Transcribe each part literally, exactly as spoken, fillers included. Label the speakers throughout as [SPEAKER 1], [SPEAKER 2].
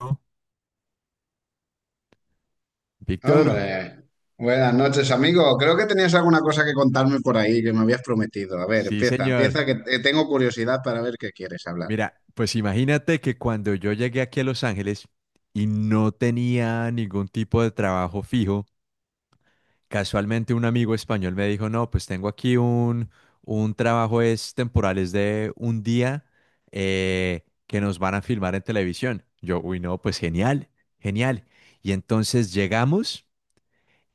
[SPEAKER 1] ¿No? Víctor,
[SPEAKER 2] Hombre, buenas noches, amigo. Creo que tenías alguna cosa que contarme por ahí que me habías prometido. A ver,
[SPEAKER 1] sí,
[SPEAKER 2] empieza,
[SPEAKER 1] señor.
[SPEAKER 2] empieza, que eh, tengo curiosidad para ver qué quieres hablar.
[SPEAKER 1] Mira, pues imagínate que cuando yo llegué aquí a Los Ángeles y no tenía ningún tipo de trabajo fijo, casualmente un amigo español me dijo, no, pues tengo aquí un, un trabajo es temporal, es de un día eh, que nos van a filmar en televisión. Yo, uy, no, pues genial, genial. Y entonces llegamos.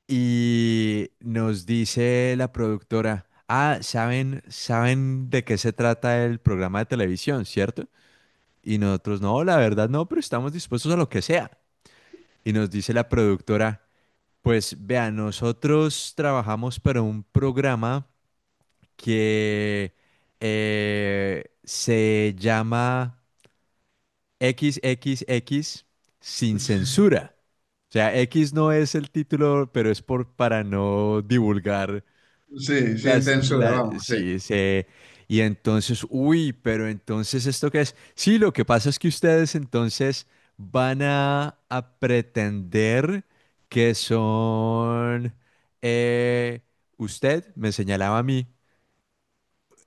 [SPEAKER 1] Y nos dice la productora, ah, ¿saben, saben de qué se trata el programa de televisión, cierto? Y nosotros, no, la verdad no, pero estamos dispuestos a lo que sea. Y nos dice la productora, pues vea, nosotros trabajamos para un programa que eh, se llama equis equis equis sin censura. O sea, X no es el título, pero es por, para no divulgar
[SPEAKER 2] Sí, sin
[SPEAKER 1] Las,
[SPEAKER 2] censura,
[SPEAKER 1] la-
[SPEAKER 2] vamos, sí,
[SPEAKER 1] sí, se, y entonces, uy, pero entonces, ¿esto qué es? Sí, lo que pasa es que ustedes entonces van a, a pretender que son, eh, usted me señalaba a mí,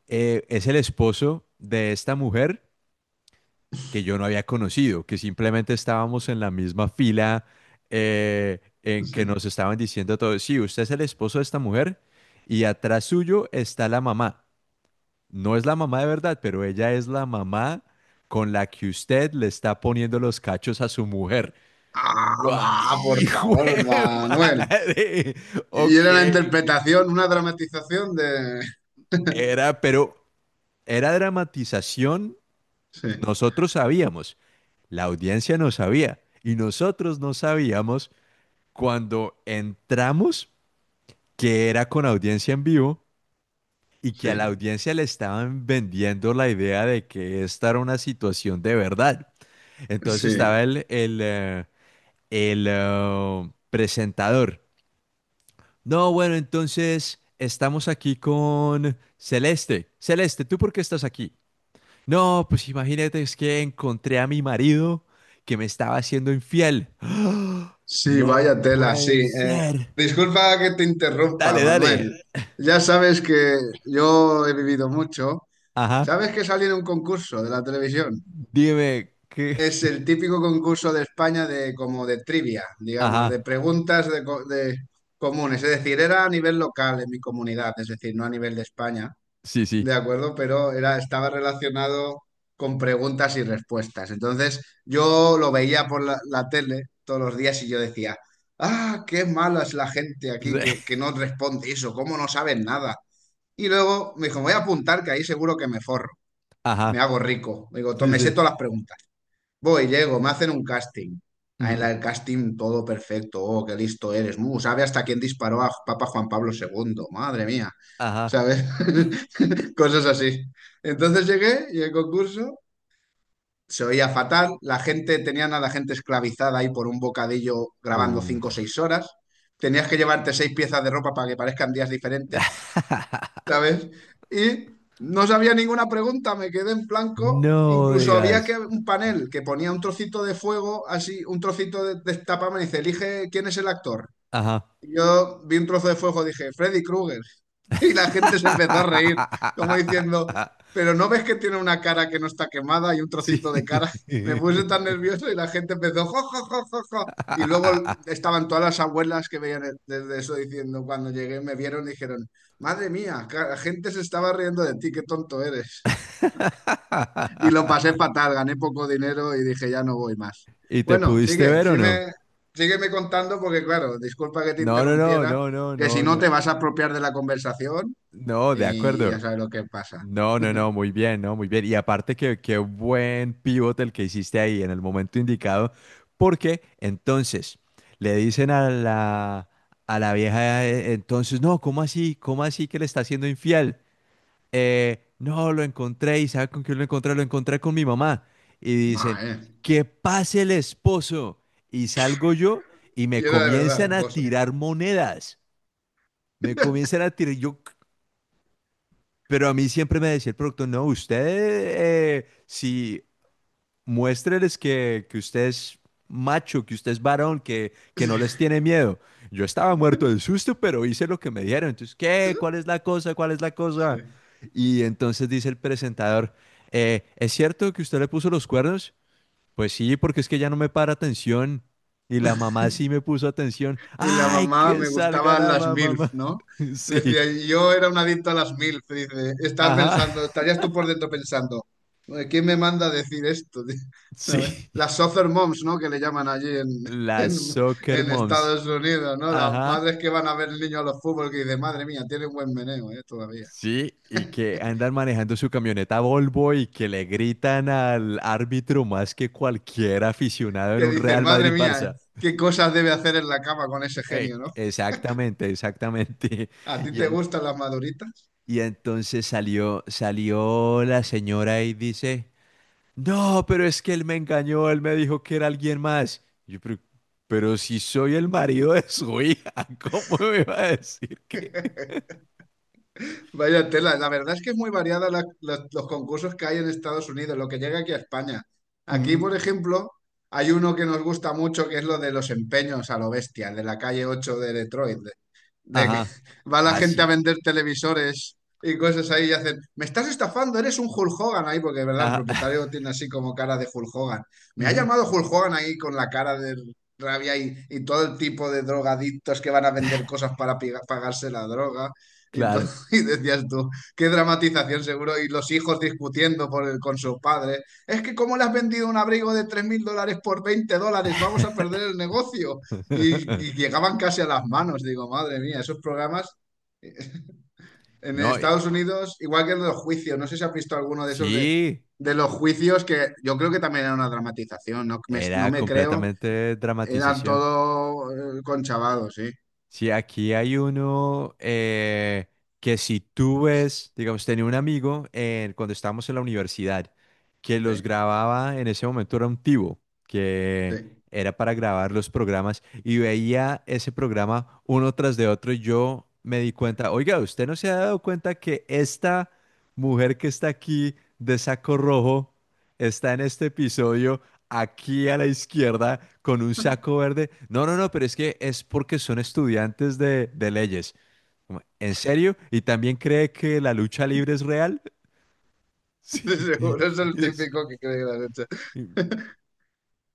[SPEAKER 1] eh, es el esposo de esta mujer que yo no había conocido, que simplemente estábamos en la misma fila eh, en que nos
[SPEAKER 2] sí.
[SPEAKER 1] estaban diciendo todo sí, usted es el esposo de esta mujer y atrás suyo está la mamá. No es la mamá de verdad, pero ella es la mamá con la que usted le está poniendo los cachos a su mujer.
[SPEAKER 2] Ah,
[SPEAKER 1] Yo, "Ay,
[SPEAKER 2] va, por
[SPEAKER 1] ¡hijo
[SPEAKER 2] favor,
[SPEAKER 1] de
[SPEAKER 2] Manuel.
[SPEAKER 1] madre!
[SPEAKER 2] Y
[SPEAKER 1] Ok,
[SPEAKER 2] era una interpretación, una dramatización de...
[SPEAKER 1] era, pero era dramatización.
[SPEAKER 2] Sí,
[SPEAKER 1] Nosotros sabíamos, la audiencia no sabía, y nosotros no sabíamos cuando entramos que era con audiencia en vivo y que a la
[SPEAKER 2] sí,
[SPEAKER 1] audiencia le estaban vendiendo la idea de que esta era una situación de verdad. Entonces
[SPEAKER 2] sí.
[SPEAKER 1] estaba el, el, eh, el, eh, presentador. No, bueno, entonces estamos aquí con Celeste. Celeste, ¿tú por qué estás aquí? No, pues imagínate, es que encontré a mi marido que me estaba haciendo infiel. ¡Ah!
[SPEAKER 2] Sí,
[SPEAKER 1] No
[SPEAKER 2] vaya tela, sí.
[SPEAKER 1] puede
[SPEAKER 2] Eh,
[SPEAKER 1] ser.
[SPEAKER 2] disculpa que te interrumpa,
[SPEAKER 1] Dale,
[SPEAKER 2] Manuel.
[SPEAKER 1] dale.
[SPEAKER 2] Ya sabes que yo he vivido mucho.
[SPEAKER 1] Ajá.
[SPEAKER 2] ¿Sabes que salí en un concurso de la televisión?
[SPEAKER 1] Dime qué.
[SPEAKER 2] Es el típico concurso de España de como de trivia, digamos, de
[SPEAKER 1] Ajá.
[SPEAKER 2] preguntas de, co- de comunes. Es decir, era a nivel local en mi comunidad, es decir, no a nivel de España,
[SPEAKER 1] Sí, sí.
[SPEAKER 2] ¿de acuerdo? Pero era, estaba relacionado con preguntas y respuestas. Entonces, yo lo veía por la, la tele todos los días y yo decía, ah, qué mala es la gente aquí
[SPEAKER 1] Sí.
[SPEAKER 2] que, que no responde eso, cómo no saben nada. Y luego me dijo, voy a apuntar que ahí seguro que me forro,
[SPEAKER 1] Ajá.
[SPEAKER 2] me hago rico. Digo, to-
[SPEAKER 1] Sí,
[SPEAKER 2] me sé
[SPEAKER 1] sí.
[SPEAKER 2] todas las preguntas. Voy, llego, me hacen un casting. Ah, en
[SPEAKER 1] Ujú.
[SPEAKER 2] la del casting todo perfecto. Oh, qué listo eres. Mu, sabe hasta quién disparó a Papa Juan Pablo segundo. Madre mía.
[SPEAKER 1] Ajá.
[SPEAKER 2] ¿Sabes? Cosas así. Entonces llegué y el concurso se oía fatal. La gente, tenían a la gente esclavizada ahí por un bocadillo grabando cinco o
[SPEAKER 1] Uf.
[SPEAKER 2] seis horas. Tenías que llevarte seis piezas de ropa para que parezcan días diferentes. ¿Sabes? Y no sabía ninguna pregunta, me quedé en blanco.
[SPEAKER 1] No
[SPEAKER 2] Incluso había que
[SPEAKER 1] digas.
[SPEAKER 2] un panel que ponía un trocito de fuego, así, un trocito de, de tapa, me dice, elige quién es el actor.
[SPEAKER 1] Ajá.
[SPEAKER 2] Yo vi un trozo de fuego, dije, Freddy Krueger. Y la gente se empezó a reír, como diciendo, pero ¿no ves que tiene una cara que no está quemada y un
[SPEAKER 1] Sí.
[SPEAKER 2] trocito de cara? Me puse tan nervioso y la gente empezó, jo, jo, jo, jo, jo". Y luego estaban todas las abuelas que veían el- desde eso diciendo, cuando llegué, me vieron y dijeron, madre mía, ca- la gente se estaba riendo de ti, qué tonto eres. Y lo pasé fatal, gané poco dinero y dije, ya no voy más.
[SPEAKER 1] ¿Y te
[SPEAKER 2] Bueno,
[SPEAKER 1] pudiste
[SPEAKER 2] sigue,
[SPEAKER 1] ver o
[SPEAKER 2] sí
[SPEAKER 1] no?
[SPEAKER 2] me- sígueme contando porque, claro, disculpa que te
[SPEAKER 1] No, no, no,
[SPEAKER 2] interrumpiera,
[SPEAKER 1] no, no,
[SPEAKER 2] que si
[SPEAKER 1] no,
[SPEAKER 2] no
[SPEAKER 1] no.
[SPEAKER 2] te vas a apropiar de la conversación
[SPEAKER 1] No, de
[SPEAKER 2] y ya
[SPEAKER 1] acuerdo.
[SPEAKER 2] sabes lo que pasa.
[SPEAKER 1] No, no, no, muy bien, no, muy bien. Y aparte que qué buen pivote el que hiciste ahí en el momento indicado, porque entonces le dicen a la a la vieja eh, entonces, no, ¿cómo así? ¿Cómo así que le está siendo infiel? eh, no, lo encontré y ¿sabe con quién lo encontré? Lo encontré con mi mamá. Y
[SPEAKER 2] No,
[SPEAKER 1] dicen,
[SPEAKER 2] eh.
[SPEAKER 1] que pase el esposo. Y salgo yo y
[SPEAKER 2] Y
[SPEAKER 1] me
[SPEAKER 2] era de verdad, el
[SPEAKER 1] comienzan a
[SPEAKER 2] pozo.
[SPEAKER 1] tirar monedas. Me comienzan a tirar, yo, pero a mí siempre me decía el productor, no, usted, eh, si muéstreles que, que usted es macho, que usted es varón, que, que
[SPEAKER 2] Sí,
[SPEAKER 1] no les tiene miedo. Yo estaba muerto de susto, pero hice lo que me dijeron. Entonces, ¿qué? ¿Cuál es la cosa? ¿Cuál es la cosa?
[SPEAKER 2] sí.
[SPEAKER 1] Y entonces dice el presentador, "Eh, ¿es cierto que usted le puso los cuernos? Pues sí, porque es que ya no me para atención. Y la mamá sí me puso atención.
[SPEAKER 2] Y la
[SPEAKER 1] ¡Ay,
[SPEAKER 2] mamá
[SPEAKER 1] que
[SPEAKER 2] me
[SPEAKER 1] salga
[SPEAKER 2] gustaban
[SPEAKER 1] la
[SPEAKER 2] las MILF,
[SPEAKER 1] mamá!
[SPEAKER 2] ¿no?
[SPEAKER 1] Sí,
[SPEAKER 2] Decía, yo era un adicto a las MILF. Dice, estás
[SPEAKER 1] ajá,
[SPEAKER 2] pensando, estarías tú por dentro pensando, ¿quién me manda a decir esto?
[SPEAKER 1] sí.
[SPEAKER 2] ¿Sabes? Las soccer moms, ¿no? Que le llaman allí en,
[SPEAKER 1] Las
[SPEAKER 2] en,
[SPEAKER 1] soccer
[SPEAKER 2] en
[SPEAKER 1] moms,
[SPEAKER 2] Estados Unidos, ¿no? Las
[SPEAKER 1] ajá.
[SPEAKER 2] madres que van a ver el niño a los fútbol que dicen, madre mía, tiene un buen meneo, ¿eh? Todavía.
[SPEAKER 1] Sí, y que andan manejando su camioneta Volvo y que le gritan al árbitro más que cualquier aficionado en
[SPEAKER 2] Que
[SPEAKER 1] un
[SPEAKER 2] dicen,
[SPEAKER 1] Real
[SPEAKER 2] madre mía,
[SPEAKER 1] Madrid-Barça.
[SPEAKER 2] qué cosas debe hacer en la cama con ese
[SPEAKER 1] Eh,
[SPEAKER 2] genio, ¿no?
[SPEAKER 1] exactamente, exactamente.
[SPEAKER 2] ¿A ti
[SPEAKER 1] Y,
[SPEAKER 2] te
[SPEAKER 1] en-
[SPEAKER 2] gustan las maduritas?
[SPEAKER 1] y entonces salió, salió la señora y dice, no, pero es que él me engañó, él me dijo que era alguien más. Y yo, pero, pero si soy el marido de su hija, ¿cómo me va a decir?
[SPEAKER 2] Vaya tela, la verdad es que es muy variada la- los, los concursos que hay en Estados Unidos, lo que llega aquí a España. Aquí,
[SPEAKER 1] Mm,
[SPEAKER 2] por ejemplo, hay uno que nos gusta mucho, que es lo de los empeños a lo bestia, el de la calle ocho de Detroit de que
[SPEAKER 1] ajá,
[SPEAKER 2] va la gente a
[SPEAKER 1] así.
[SPEAKER 2] vender televisores y cosas ahí y hacen, me estás estafando, eres un Hulk Hogan ahí, porque de verdad el
[SPEAKER 1] Ajá,
[SPEAKER 2] propietario tiene así como cara de Hulk Hogan. Me ha
[SPEAKER 1] ujú,
[SPEAKER 2] llamado Hulk Hogan ahí con la cara de rabia y, y todo el tipo de drogadictos que van a vender cosas para piga- pagarse la droga. Y, to-
[SPEAKER 1] claro.
[SPEAKER 2] y decías tú, qué dramatización seguro, y los hijos discutiendo por el- con su padre. Es que cómo le has vendido un abrigo de tres mil dólares por veinte dólares, vamos a perder el negocio. Y, y llegaban casi a las manos. Digo, madre mía, esos programas eh, en
[SPEAKER 1] No, y-
[SPEAKER 2] Estados Unidos, igual que en los juicios, no sé si has visto alguno de esos de,
[SPEAKER 1] sí,
[SPEAKER 2] de los juicios, que yo creo que también era una dramatización, no me, no
[SPEAKER 1] era
[SPEAKER 2] me creo,
[SPEAKER 1] completamente
[SPEAKER 2] eran
[SPEAKER 1] dramatización.
[SPEAKER 2] todo eh, conchavados, sí,
[SPEAKER 1] Sí, aquí hay uno eh, que si tú ves, digamos, tenía un amigo eh, cuando estábamos en la universidad que los
[SPEAKER 2] sí.
[SPEAKER 1] grababa, en ese momento era un tivo,
[SPEAKER 2] Sí,
[SPEAKER 1] que era para grabar los programas y veía ese programa uno tras de otro y yo me di cuenta, oiga, ¿usted no se ha dado cuenta que esta mujer que está aquí de saco rojo está en este episodio? Aquí a la izquierda con un saco verde. No, no, no, pero es que es porque son estudiantes de, de leyes. Como, ¿en serio? ¿Y también cree que la lucha libre es real? Sí.
[SPEAKER 2] de
[SPEAKER 1] Y,
[SPEAKER 2] seguro es el
[SPEAKER 1] es-
[SPEAKER 2] típico que cree que lo has hecho.
[SPEAKER 1] y-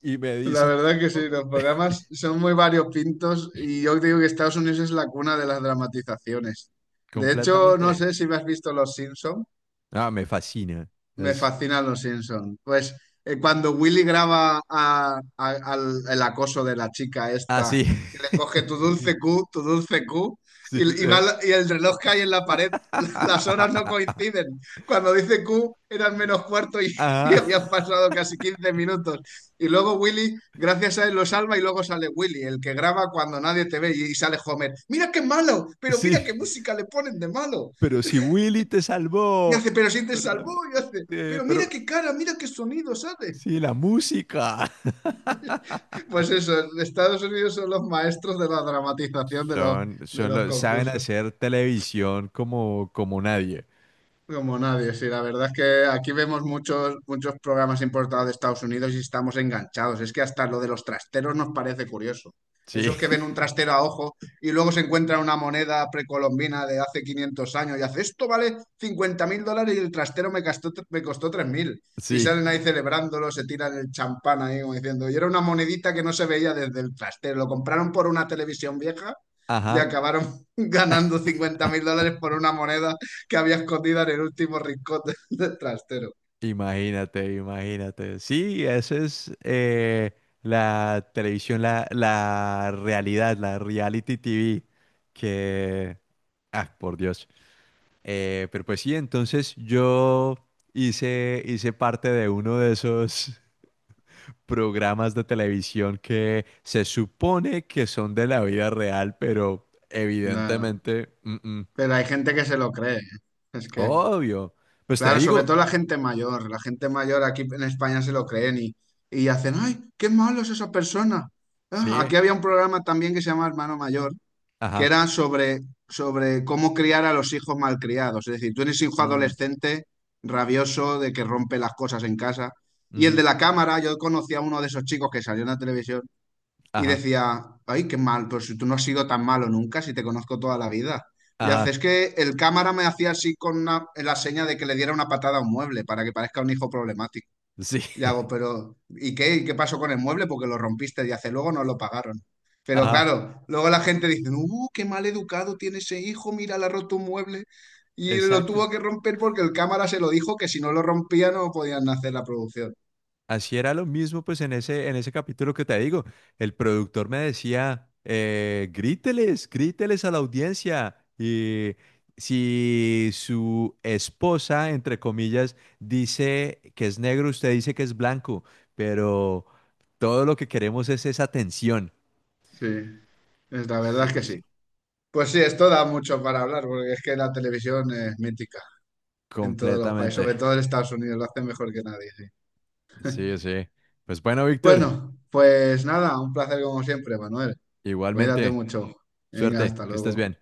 [SPEAKER 1] y me
[SPEAKER 2] La
[SPEAKER 1] dice,
[SPEAKER 2] verdad que
[SPEAKER 1] no,
[SPEAKER 2] sí,
[SPEAKER 1] no,
[SPEAKER 2] los programas son muy variopintos y yo digo que Estados Unidos es la cuna de las dramatizaciones. De hecho, no
[SPEAKER 1] completamente.
[SPEAKER 2] sé si me has visto Los Simpson.
[SPEAKER 1] Ah, me fascina.
[SPEAKER 2] Me
[SPEAKER 1] Es
[SPEAKER 2] fascinan los Simpson. Pues eh, cuando Willy graba a- a- al, el acoso de la chica esta,
[SPEAKER 1] así.
[SPEAKER 2] que le coge tu dulce Q, tu dulce Q,
[SPEAKER 1] Sí.
[SPEAKER 2] y, y va
[SPEAKER 1] Eh.
[SPEAKER 2] la- y el reloj cae en la pared, las horas no coinciden. Cuando dice Q eran menos cuarto y, y
[SPEAKER 1] Ah,
[SPEAKER 2] habían pasado casi quince minutos. Y luego Willy, gracias a él, lo salva y luego sale Willy, el que graba cuando nadie te ve y, y sale Homer. Mira qué malo, pero
[SPEAKER 1] sí.
[SPEAKER 2] mira qué música le ponen de malo.
[SPEAKER 1] Pero si Willy te
[SPEAKER 2] Y hace,
[SPEAKER 1] salvó.
[SPEAKER 2] pero si te
[SPEAKER 1] Pero, la mu-
[SPEAKER 2] salvó, y hace,
[SPEAKER 1] eh,
[SPEAKER 2] pero
[SPEAKER 1] pero
[SPEAKER 2] mira qué cara, mira qué sonido sale.
[SPEAKER 1] si la música.
[SPEAKER 2] Pues eso, Estados Unidos son los maestros de la dramatización de los,
[SPEAKER 1] Son,
[SPEAKER 2] de
[SPEAKER 1] son
[SPEAKER 2] los
[SPEAKER 1] los, saben
[SPEAKER 2] concursos.
[SPEAKER 1] hacer televisión como, como nadie.
[SPEAKER 2] Como nadie, sí, la verdad es que aquí vemos muchos, muchos programas importados de Estados Unidos y estamos enganchados. Es que hasta lo de los trasteros nos parece curioso.
[SPEAKER 1] Sí,
[SPEAKER 2] Esos que ven un trastero a ojo y luego se encuentran una moneda precolombina de hace quinientos años y hace esto vale cincuenta mil dólares y el trastero me costó, me costó tres mil. Y
[SPEAKER 1] sí.
[SPEAKER 2] salen ahí celebrándolo, se tiran el champán ahí como diciendo, y era una monedita que no se veía desde el trastero. Lo compraron por una televisión vieja y
[SPEAKER 1] Ajá.
[SPEAKER 2] acabaron ganando cincuenta mil dólares por una moneda que había escondida en el último rincón del del trastero.
[SPEAKER 1] Imagínate, imagínate. Sí, esa es eh, la televisión, la, la realidad, la reality T V que... Ah, por Dios. Eh, pero pues sí, entonces yo hice, hice parte de uno de esos, programas de televisión que se supone que son de la vida real, pero
[SPEAKER 2] No, no.
[SPEAKER 1] evidentemente, mm, mm,
[SPEAKER 2] Pero hay gente que se lo cree, ¿eh? Es que,
[SPEAKER 1] obvio. Pues te
[SPEAKER 2] claro, sobre todo
[SPEAKER 1] digo,
[SPEAKER 2] la gente mayor. La gente mayor aquí en España se lo creen y, y hacen, ¡ay, qué malo es esa persona! Ah,
[SPEAKER 1] sí,
[SPEAKER 2] aquí había un programa también que se llama Hermano Mayor, que
[SPEAKER 1] ajá,
[SPEAKER 2] era sobre, sobre cómo criar a los hijos malcriados. Es decir, tú eres hijo
[SPEAKER 1] mm,
[SPEAKER 2] adolescente, rabioso, de que rompe las cosas en casa. Y el
[SPEAKER 1] ujú,
[SPEAKER 2] de la cámara, yo conocí a uno de esos chicos que salió en la televisión. Y
[SPEAKER 1] ajá,
[SPEAKER 2] decía, ay, qué mal, pero si tú no has sido tan malo nunca, si te conozco toda la vida. Y hace,
[SPEAKER 1] ajá,
[SPEAKER 2] es que el cámara me hacía así con una- la seña de que le diera una patada a un mueble para que parezca un hijo problemático.
[SPEAKER 1] sí,
[SPEAKER 2] Y hago, pero ¿y qué? ¿Y qué pasó con el mueble? Porque lo rompiste y hace, luego no lo pagaron. Pero
[SPEAKER 1] ajá,
[SPEAKER 2] claro, luego la gente dice, uh, qué mal educado tiene ese hijo, mira, le ha roto un mueble. Y lo
[SPEAKER 1] exacto.
[SPEAKER 2] tuvo que romper porque el cámara se lo dijo que si no lo rompía no podían hacer la producción.
[SPEAKER 1] Así era lo mismo, pues en ese, en ese capítulo que te digo, el productor me decía, eh, gríteles, gríteles a la audiencia. Y si su esposa, entre comillas, dice que es negro, usted dice que es blanco, pero todo lo que queremos es esa tensión.
[SPEAKER 2] Sí, es, la verdad es que
[SPEAKER 1] Sí,
[SPEAKER 2] sí.
[SPEAKER 1] sí,
[SPEAKER 2] Pues sí, esto da mucho para hablar, porque es que la televisión es mítica en todos los países, sobre
[SPEAKER 1] completamente.
[SPEAKER 2] todo en Estados Unidos, lo hacen mejor que nadie. Sí.
[SPEAKER 1] Sí, sí. Pues bueno, Víctor,
[SPEAKER 2] Bueno, pues nada, un placer como siempre, Manuel. Cuídate
[SPEAKER 1] igualmente,
[SPEAKER 2] mucho. Venga,
[SPEAKER 1] suerte,
[SPEAKER 2] hasta
[SPEAKER 1] que estés
[SPEAKER 2] luego.
[SPEAKER 1] bien.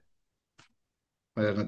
[SPEAKER 2] Buenas noches.